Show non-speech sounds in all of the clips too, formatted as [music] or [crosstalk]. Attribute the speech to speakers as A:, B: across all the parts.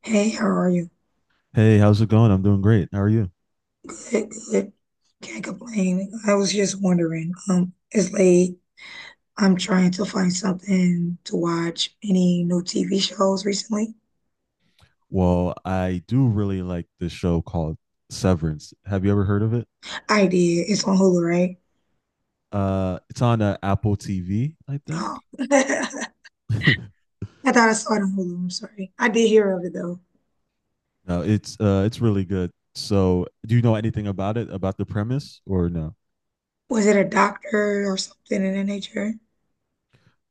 A: Hey, how are you?
B: Hey, how's it going? I'm doing great. How are you?
A: Good, good. Can't complain. I was just wondering, it's late. I'm trying to find something to watch. Any new TV shows recently?
B: Well, I do really like this show called Severance. Have you ever heard of it?
A: I did. It's on Hulu, right?
B: It's on Apple TV, I think.
A: Oh. [laughs]
B: [laughs]
A: I thought I saw it on Hulu. I'm sorry. I did hear of it though.
B: No, it's really good. So, do you know anything about it, about the premise, or no?
A: Was it a doctor or something in that nature?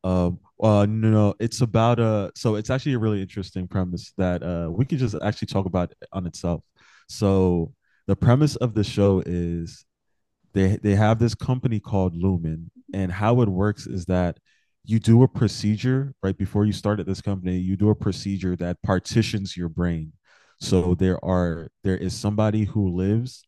B: No, no, it's about a. so it's actually a really interesting premise that we could just actually talk about on itself. So, the premise of the show is they have this company called Lumen, and how it works is that you do a procedure right before you start at this company. You do a procedure that partitions your brain. So there is somebody who lives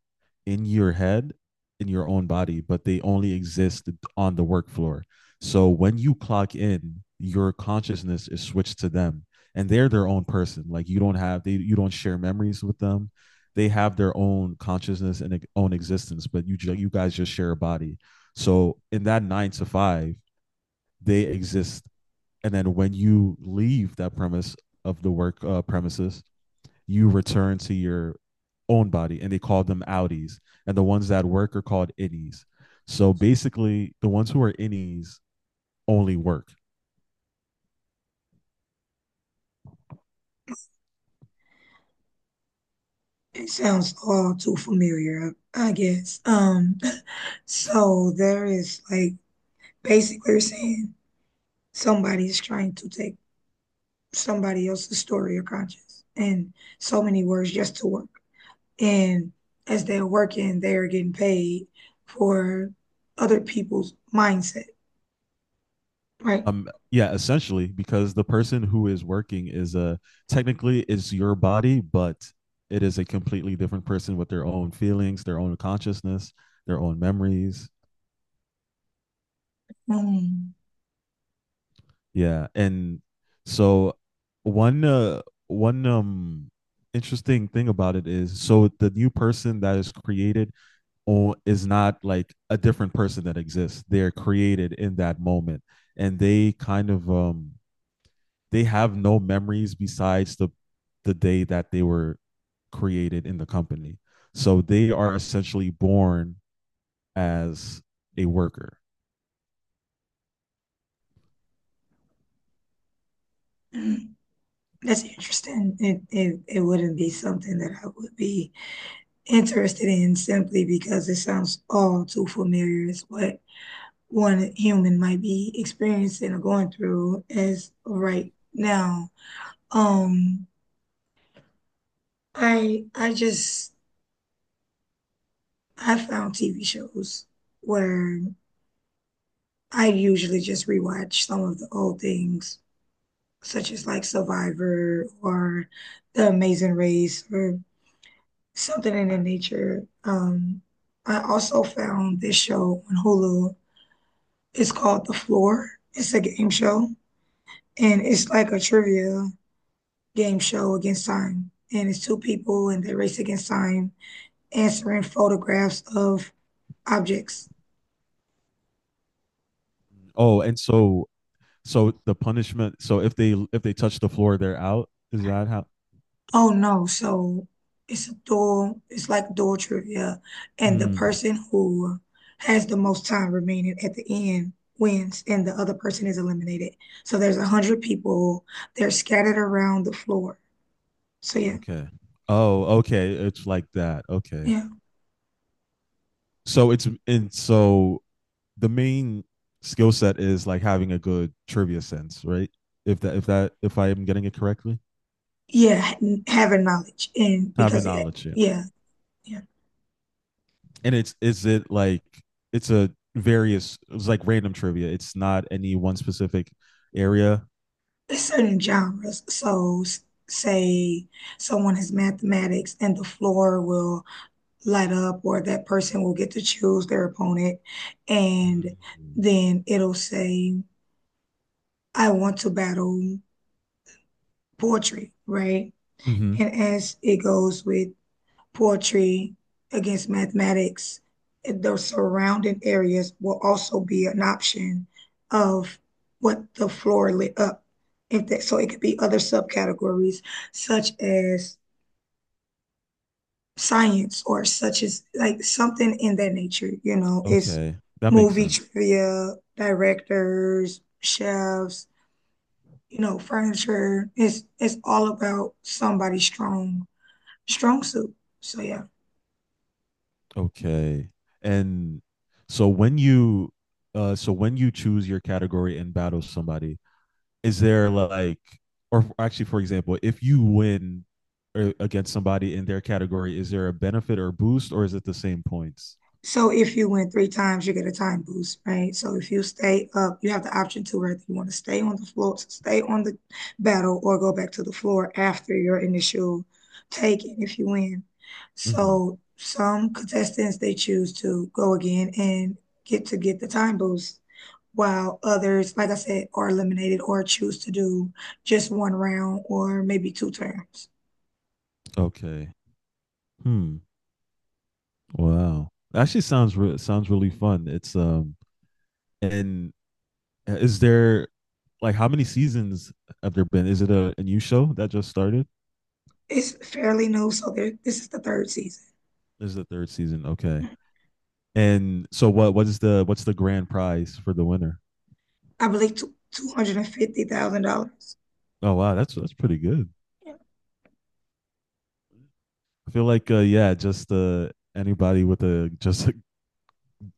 B: in your head, in your own body, but they only exist on the work floor. So when you clock in, your consciousness is switched to them, and they're their own person. Like, you don't share memories with them. They have their own consciousness and own existence, but you guys just share a body. So in that nine to five, they exist, and then when you leave that premise of the work premises, you return to your own body, and they call them outies, and the ones that work are called innies. So basically, the ones who are innies only work.
A: It sounds all too familiar, I guess. [laughs] So there is like basically you're saying somebody's trying to take somebody else's story or conscience in so many words just to work. And as they're working, they're getting paid for other people's mindset, right?
B: Yeah, essentially, because the person who is working is your body, but it is a completely different person with their own feelings, their own consciousness, their own memories.
A: Mm.
B: Yeah, and so one interesting thing about it is, so the new person that is created or is not like a different person that exists. They're created in that moment, and they kind of they have no memories besides the day that they were created in the company. So they are essentially born as a worker.
A: That's interesting. It wouldn't be something that I would be interested in simply because it sounds all too familiar. It's what one human might be experiencing or going through as right now. Um, I just I found TV shows where I usually just rewatch some of the old things, such as like Survivor or The Amazing Race or something in that nature. I also found this show on Hulu. It's called The Floor. It's a game show, and it's like a trivia game show against time. And it's two people, and they race against time, answering photographs of objects.
B: Oh, and so so the punishment. So if they touch the floor, they're out. Is that how?
A: Oh no, so it's like dual trivia. And the
B: Mm,
A: person who has the most time remaining at the end wins, and the other person is eliminated. So there's 100 people, they're scattered around the floor. So yeah,
B: okay. Oh, okay. It's like that. Okay.
A: yeah,
B: So it's, and so the main skill set is like having a good trivia sense, right? If I am getting it correctly,
A: yeah, having knowledge.
B: having knowledge. Yeah.
A: Yeah, yeah,
B: And it's, is it like, it's a various, it's like random trivia. It's not any one specific area.
A: it's certain genres. So say someone has mathematics, and the floor will light up or that person will get to choose their opponent and then it'll say I want to battle poetry, right,
B: Mm-hmm.
A: and as it goes with poetry against mathematics the surrounding areas will also be an option of what the floor lit up if that so it could be other subcategories such as science or such as like something in that nature, you know, it's
B: Okay, that makes
A: movie
B: sense.
A: trivia, directors, chefs, you know, furniture. It's all about somebody's strong suit. So yeah.
B: Okay, and so when you so when you choose your category and battle somebody, is there like, or actually, for example, if you win or against somebody in their category, is there a benefit or boost, or is it the same points?
A: So if you win 3 times, you get a time boost, right? So if you stay up, you have the option to whether you want to stay on the floor, stay on the battle, or go back to the floor after your initial taking if you win.
B: Mm-hmm.
A: So some contestants they choose to go again and get to get the time boost, while others, like I said, are eliminated or choose to do just one round or maybe two turns.
B: Okay. Hmm. Wow. Actually sounds sounds really fun. It's and is there like, how many seasons have there been? Is it a new show that just started?
A: It's fairly new, so there, this is the 3rd season.
B: This is the third season. Okay. And so what's the grand prize for the winner?
A: I believe two hundred and fifty thousand dollars.
B: Oh wow, that's pretty good.
A: Yeah.
B: I feel like yeah, just anybody with a [laughs] just like,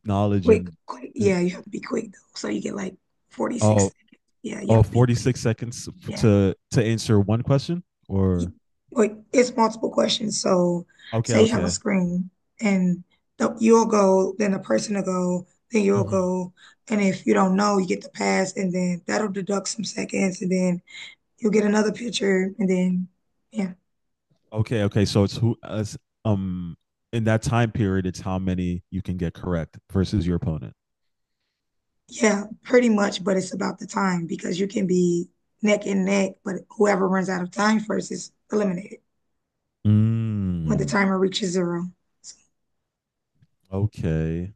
B: knowledge
A: Quick,
B: and
A: quick.
B: uh,
A: Yeah, you have to be quick though. So you get like forty six
B: oh,
A: seconds. Yeah, you
B: oh,
A: have to be quick.
B: 46 seconds
A: Yeah.
B: to answer one question or
A: Y- Like it's multiple questions. So
B: okay,
A: say you have a
B: okay.
A: screen and you'll go, then the person will go, then you'll
B: Hmm.
A: go. And if you don't know, you get the pass and then that'll deduct some seconds and then you'll get another picture and then yeah.
B: Okay, okay. So it's who um in that time period, it's how many you can get correct versus your opponent.
A: Yeah, pretty much, but it's about the time because you can be neck and neck, but whoever runs out of time first is eliminated when the
B: Mm,
A: timer reaches 0. So,
B: okay,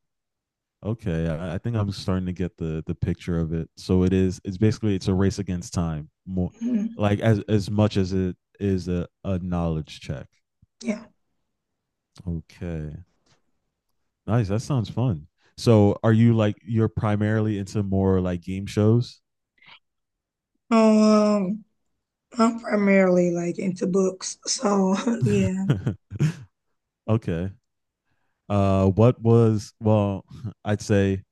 B: okay. I think I'm starting to get the picture of it. So it is. It's basically, it's a race against time. More
A: mm,
B: like, as much as it is a knowledge check.
A: yeah.
B: Okay, nice. That sounds fun. So are you like, you're primarily into more like game shows?
A: Um, I'm primarily like into books, so [laughs] yeah,
B: [laughs] okay. What was well? [laughs] I'd say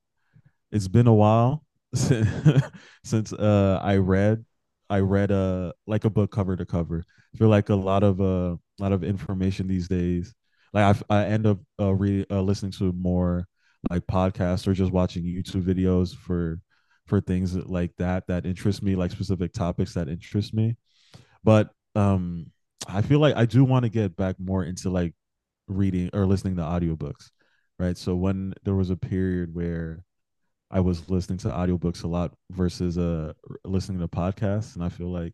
B: it's been a while since, [laughs] since I read like a book cover to cover. I feel like a lot of information these days. Like, I end up re listening to more like podcasts or just watching YouTube videos for things like that that interest me, like specific topics that interest me. But I feel like I do want to get back more into like reading or listening to audiobooks, right? So when there was a period where I was listening to audiobooks a lot versus listening to podcasts, and I feel like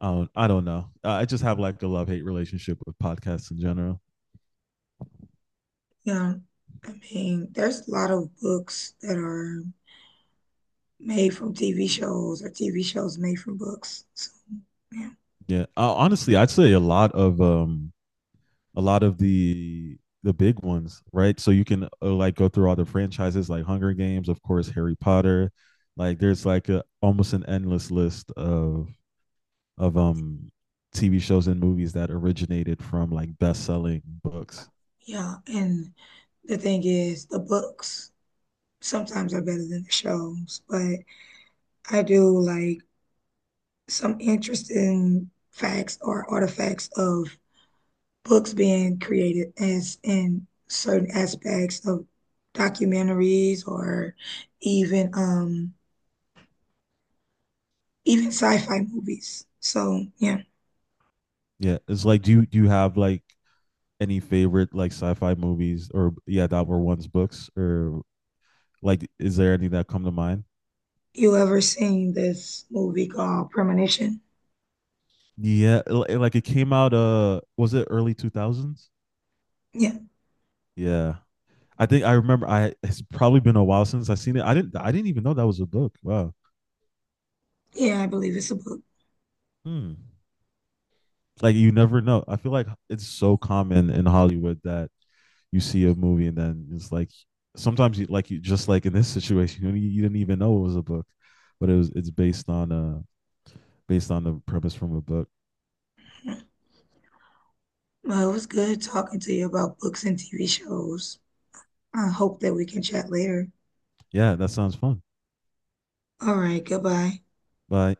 B: I don't know. I just have like a love hate relationship with podcasts in general.
A: yeah. I mean, there's a lot of books that are made from TV shows or TV shows made from books. So, yeah,
B: Yeah, honestly, I'd say a lot of the big ones, right? So you can like go through all the franchises like Hunger Games, of course, Harry Potter. Like there's like a, almost an endless list of of um TV shows and movies that originated from like best-selling books.
A: yeah. And the thing is, the books sometimes are better than the shows, but I do like some interesting facts or artifacts of books being created as in certain aspects of documentaries or even um even sci-fi movies. So yeah,
B: Yeah, it's like, do you have like any favorite like sci-fi movies or yeah that were once books, or like is there any that come to mind?
A: you ever seen this movie called Premonition?
B: Yeah, like it came out was it early 2000s?
A: Yeah,
B: Yeah. I think I remember. I it's probably been a while since I seen it. I didn't. I didn't even know that was a book. Wow.
A: yeah, I believe it's a book.
B: Hmm. Like you never know. I feel like it's so common in Hollywood that you see a movie and then it's like, sometimes you like, you just like, in this situation you, you didn't even know it was a book, but it's based on a based on the premise from a book.
A: Well, it was good talking to you about books and TV shows. I hope that we can chat later.
B: Yeah, that sounds fun.
A: All right, goodbye.
B: Bye.